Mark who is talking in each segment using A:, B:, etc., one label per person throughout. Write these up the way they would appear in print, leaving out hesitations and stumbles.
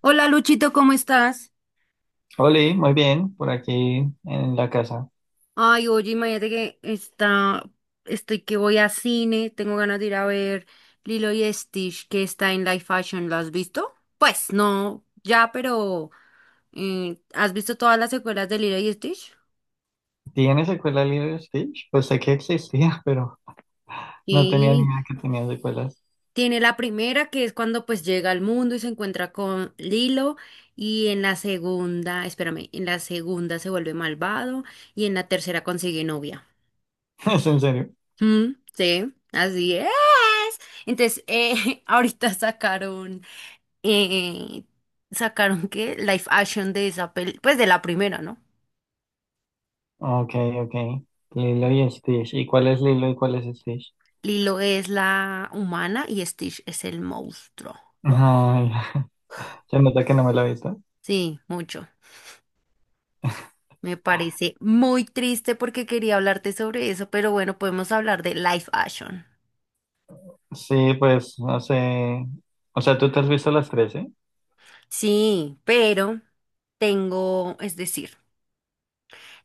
A: Hola Luchito, ¿cómo estás?
B: Oli, muy bien, por aquí en la casa.
A: Ay, oye, estoy que voy a cine, tengo ganas de ir a ver Lilo y Stitch que está en Live Fashion, ¿lo has visto? Pues no, ya, pero ¿has visto todas las secuelas de Lilo y Stitch?
B: ¿Tiene secuela Lilo y Stitch? Pues sé que existía, pero no tenía ni
A: Sí,
B: idea que tenía secuelas.
A: tiene la primera que es cuando pues llega al mundo y se encuentra con Lilo y en la segunda se vuelve malvado y en la tercera consigue novia.
B: ¿Es en serio?
A: Mm, sí, así es. Entonces, ahorita sacaron, eh, sacaron que live action de esa peli, pues de la primera, ¿no?
B: Ok, ok. Lilo y Stitch. ¿Y cuál es Lilo y cuál es Stitch?
A: Lilo es la humana y Stitch es el monstruo.
B: Ay, se nota que no me lo he visto.
A: Sí, mucho. Me parece muy triste porque quería hablarte sobre eso, pero bueno, podemos hablar de live action.
B: Sí, pues no sé. O sea, ¿tú te has visto las 13?
A: Sí, pero es decir.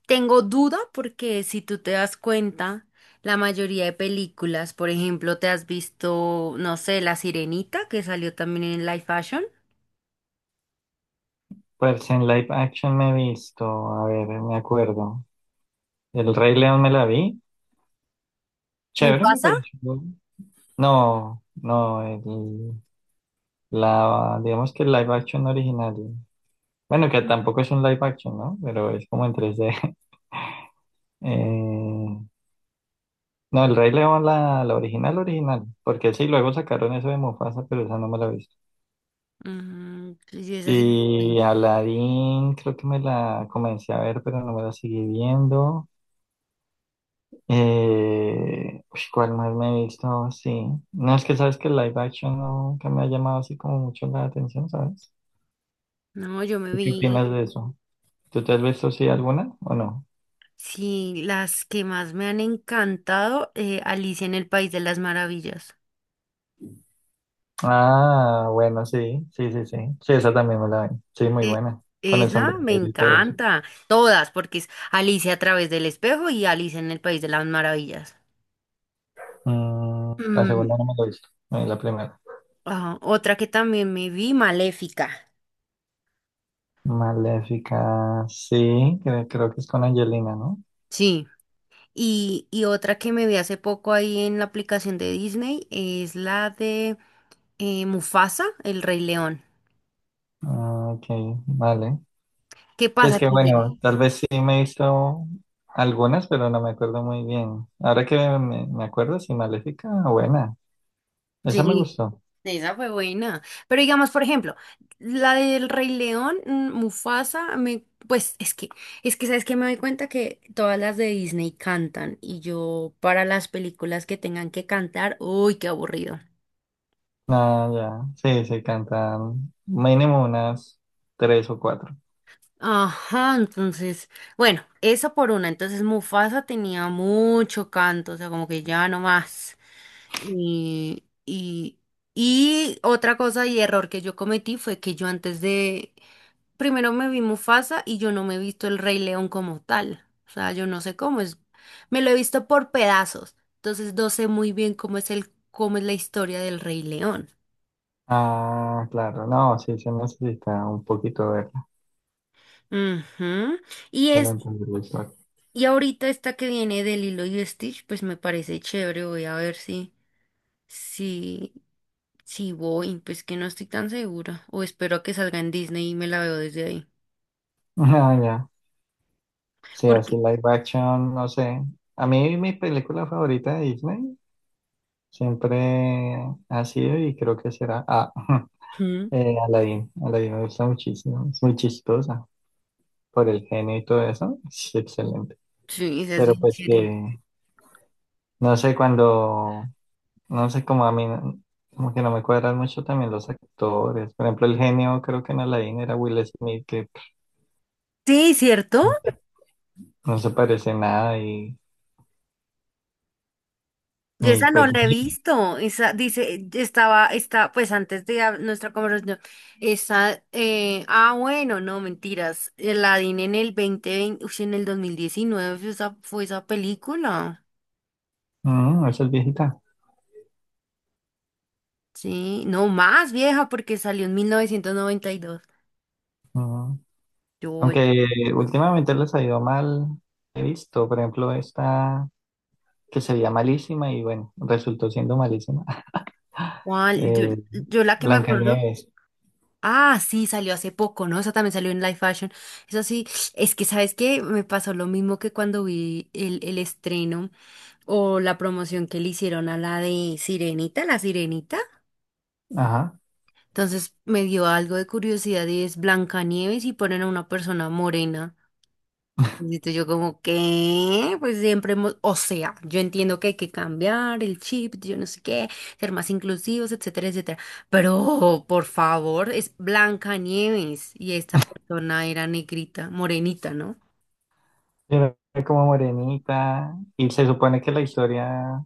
A: Tengo duda porque si tú te das cuenta, la mayoría de películas, por ejemplo, te has visto, no sé, La Sirenita, que salió también en live fashion.
B: Pues en live action me he visto. A ver, me acuerdo. El Rey León me la vi. Chévere, me
A: Mufasa.
B: pareció. No, no, la, digamos que el live action original. Bueno, que tampoco es un live action, ¿no? Pero es como en tres d. Eh, no, el Rey León, la original, original. Porque sí, luego sacaron eso de Mufasa, pero esa no me la he visto.
A: Mm, sí, es así.
B: Y Aladdin, creo que me la comencé a ver, pero no me la seguí viendo. Uy, ¿cuál más me he visto? Sí. No, es que sabes que el live action no, nunca me ha llamado así como mucho la atención, ¿sabes?
A: No,
B: ¿Tú qué opinas de eso? ¿Tú te has visto sí alguna o no?
A: sí, las que más me han encantado, Alicia en el País de las Maravillas.
B: Ah, bueno, sí, sí, sí, sí. Sí, esa también me la vi. Sí, muy
A: Eh,
B: buena. Con el
A: esa me
B: sombrerito y todo eso.
A: encanta. Todas, porque es Alicia a través del espejo y Alicia en el País de las Maravillas.
B: Mm, la
A: Mm,
B: segunda no me la he visto. La primera.
A: otra que también me vi, Maléfica.
B: Maléfica, sí, creo, creo que es con Angelina, ¿no?
A: Sí. Y otra que me vi hace poco ahí en la aplicación de Disney es la de Mufasa, el Rey León.
B: Ah, ok, vale.
A: ¿Qué pasa
B: Es que
A: aquí?
B: bueno, tal vez sí me he visto algunas, pero no me acuerdo muy bien. Ahora que me acuerdo, sí, Maléfica, buena. Esa me
A: Sí,
B: gustó.
A: esa fue buena. Pero digamos, por ejemplo, la del Rey León, mm, Mufasa, me, pues es que sabes que me doy cuenta que todas las de Disney cantan y yo para las películas que tengan que cantar, uy, qué aburrido.
B: Ah, ya. Sí, sí, cantan mínimo unas tres o cuatro.
A: Ajá, entonces, bueno, eso por una. Entonces Mufasa tenía mucho canto, o sea, como que ya no más. Y, y, y otra cosa y error que yo cometí fue que primero me vi Mufasa y yo no me he visto el Rey León como tal. O sea, yo no sé cómo es. Me lo he visto por pedazos. Entonces no sé muy bien cómo cómo es la historia del Rey León.
B: Ah, claro, no, sí, se necesita un poquito de
A: Ujú. Y
B: para
A: es
B: entender la historia.
A: Y ahorita esta que viene de Lilo y Stitch, pues me parece chévere. Voy a ver si, si voy, pues que no estoy tan segura. O espero a que salga en Disney y me la veo desde ahí.
B: Ah, ya. Sí,
A: Porque,
B: así live action, no sé. A mí mi película favorita de Disney siempre ha sido y creo que será ah,
A: Ujú.
B: Aladdin. Aladdin me gusta muchísimo, es muy chistosa por el genio y todo eso, es excelente.
A: Sí, esa es
B: Pero
A: bien
B: pues
A: chévere.
B: que, no sé, cuando, no sé, como a mí, no, como que no me cuadran mucho también los actores. Por ejemplo, el genio creo que en Aladdin era Will Smith, que
A: Sí, ¿cierto?
B: no se parece en nada y,
A: Yo
B: ni
A: esa no
B: pues, no,
A: la he
B: sé.
A: visto. Esa está, pues antes de nuestra conversación, bueno, no, mentiras. eh, La di en el 2020, uy, en el 2019 fue fue esa película.
B: Mm, esa es viejita.
A: Sí, no más vieja porque salió en 1992.
B: Mm.
A: Yo,
B: Aunque últimamente les ha ido mal, he visto, por ejemplo, esta que se veía malísima y bueno, resultó siendo malísima.
A: ¿Cuál?
B: Eh,
A: Yo la que me acuerdo.
B: Blancanieves,
A: Ah, sí, salió hace poco, ¿no? Esa también salió en live Fashion. Eso sí, es que, ¿sabes qué? Me pasó lo mismo que cuando vi el estreno o la promoción que le hicieron a la de la Sirenita.
B: ajá,
A: Entonces me dio algo de curiosidad y es Blancanieves y ponen a una persona morena. Yo como que, pues siempre hemos, o sea, yo entiendo que hay que cambiar el chip, yo no sé qué, ser más inclusivos, etcétera, etcétera. Pero, por favor, es Blanca Nieves y esta persona era negrita, morenita, ¿no?
B: era como morenita y se supone que la historia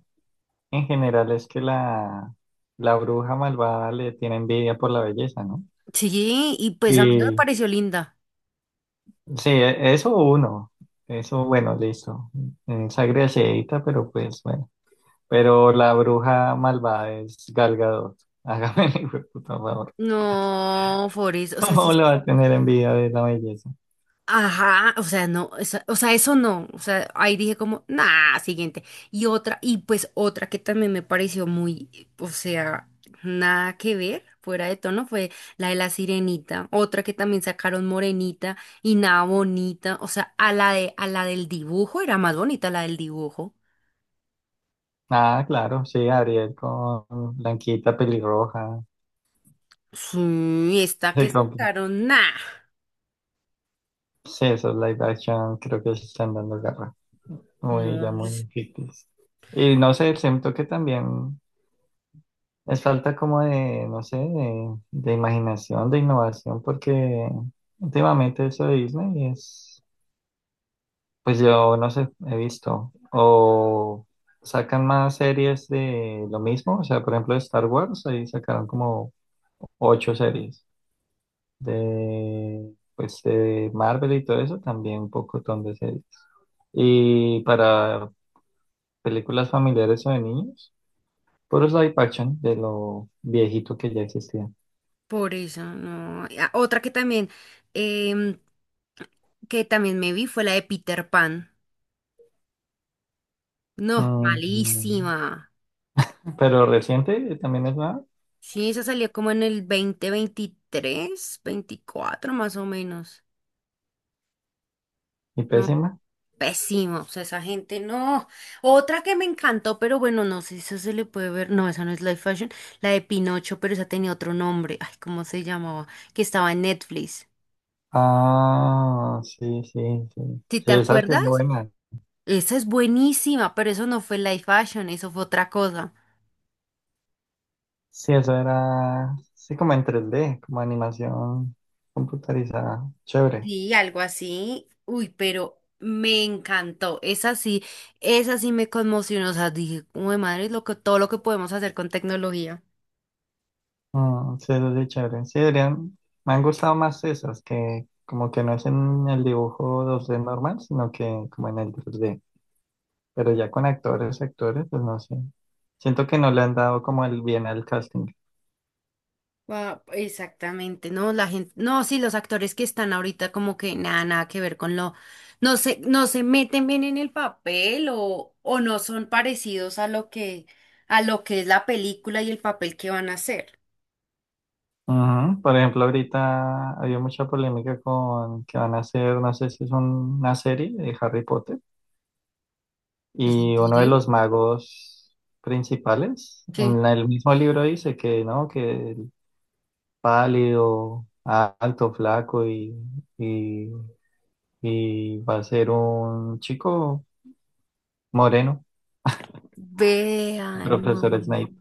B: en general es que la bruja malvada le tiene envidia por la belleza, ¿no?
A: Sí, y pues a mí no me
B: Y
A: pareció linda.
B: sí, e- eso uno. Eso, bueno, listo. Mm, Sangre Asheita, pero pues bueno. Pero la bruja malvada es Gal Gadot. Hágame el hijo hijueputa favor.
A: No, Forrest, o sea, sí.
B: ¿Cómo le va a tener envidia de la belleza?
A: Ajá, o sea, eso no, o sea, ahí dije como, nah, siguiente. Y pues otra que también me pareció muy, o sea, nada que ver, fuera de tono, fue la de la sirenita, otra que también sacaron morenita y nada bonita, o sea, a a la del dibujo, era más bonita la del dibujo.
B: Ah, claro, sí, Ariel con Blanquita pelirroja.
A: Sí, esta
B: Sí,
A: que
B: con,
A: sacaron, nah,
B: sí, esos live action creo que se están dando garra. Muy, ya
A: no, es
B: muy ficticios. Y no sé, siento que también. Es falta como de, no sé, de imaginación, de innovación, porque últimamente eso de Disney es, pues yo no sé, he visto, o sacan más series de lo mismo, o sea, por ejemplo, de Star Wars, ahí sacaron como ocho series, de, pues de Marvel y todo eso, también un pocotón de series. Y para películas familiares o de niños, puros live action de lo viejito que ya existía.
A: por eso, no. Ah, otra que también, em, que también me vi fue la de Peter Pan. No,
B: Mm,
A: malísima.
B: pero reciente también es nueva
A: Sí, esa salió como en el 2023, 2024, más o menos.
B: y
A: No,
B: pésima.
A: pésimo. O sea, esa gente no. Otra que me encantó, pero bueno, no sé si esa se le puede ver. No, esa no es live fashion. La de Pinocho, pero esa tenía otro nombre. Ay, ¿cómo se llamaba? Que estaba en Netflix.
B: Ah, sí, sí, sí.
A: ¿Sí te
B: Sí, esa sí era
A: acuerdas?
B: buena.
A: Esa es buenísima, pero eso no fue live fashion, eso fue otra cosa.
B: Sí, eso era, sí, como en 3D, como animación computarizada. Chévere.
A: Sí, algo así. Uy, pero me encantó. Esa sí me conmocionó. O sea, dije, uy, madre, todo lo que podemos hacer con tecnología.
B: Mm, sí, eso sí, chévere. Sí, deberían, me han gustado más esas, que como que no es en el dibujo 2D normal, sino que como en el 3D. Pero ya con actores, actores, pues no sé. Siento que no le han dado como el bien al casting.
A: Ah, exactamente, no, la gente, no, sí, los actores que están ahorita como que nada, nada que ver con lo, no se meten bien en el papel o no son parecidos a lo que es la película y el papel que van a hacer.
B: Ujú. Por ejemplo, ahorita había mucha polémica con que van a hacer, no sé si es una serie de Harry Potter,
A: ¿Es en
B: y uno de
A: serio?
B: los magos principales,
A: Sí.
B: en la, el mismo libro dice que, ¿no? Que el pálido, a- alto, flaco y, y va a ser un chico moreno,
A: Vean, no.
B: profesor Snape.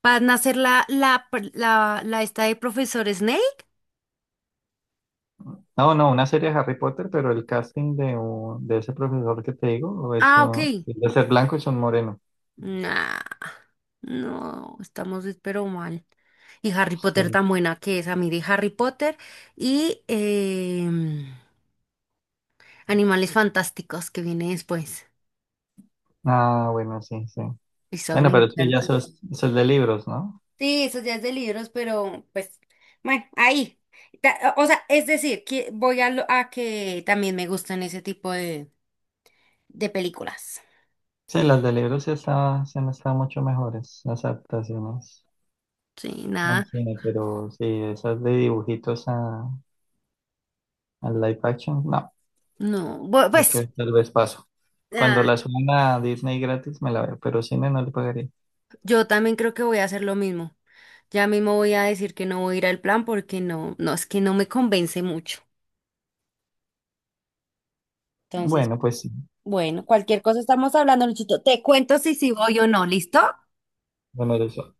A: Para nacer la esta de profesor Snake.
B: No, no, una serie de Harry Potter, pero el casting de, un, de ese profesor que te digo es
A: Ah, ok.
B: un, es de ser blanco y son moreno.
A: Nah, no, pero mal. Y Harry Potter tan buena que es. A mí de Harry Potter y Animales Fantásticos que viene después.
B: Ah, bueno, sí, sí.
A: Esas me
B: Bueno, pero sí, ya
A: encantan.
B: sos, sos de libros, ¿no?
A: Sí, eso ya es de libros, pero pues, bueno, ahí. Ta- O sea, es decir, que a que también me gustan ese tipo de películas.
B: Sí, las de libros sí está, sí han estado mucho mejores, las adaptaciones
A: Sí,
B: al
A: nada,
B: cine, pero sí, esas de dibujitos a live action, no,
A: no. Bu-
B: creo
A: Pues,
B: que tal vez paso. Cuando
A: ah,
B: las suban a Disney gratis me la veo, pero cine no le pagaría.
A: yo también creo que voy a hacer lo mismo. Ya mismo voy a decir que no voy a ir al plan porque no, no, es que no me convence mucho. Entonces,
B: Bueno, pues sí,
A: bueno, cualquier cosa estamos hablando, Luchito. Te cuento si sí voy o no, ¿listo?
B: bueno, eso.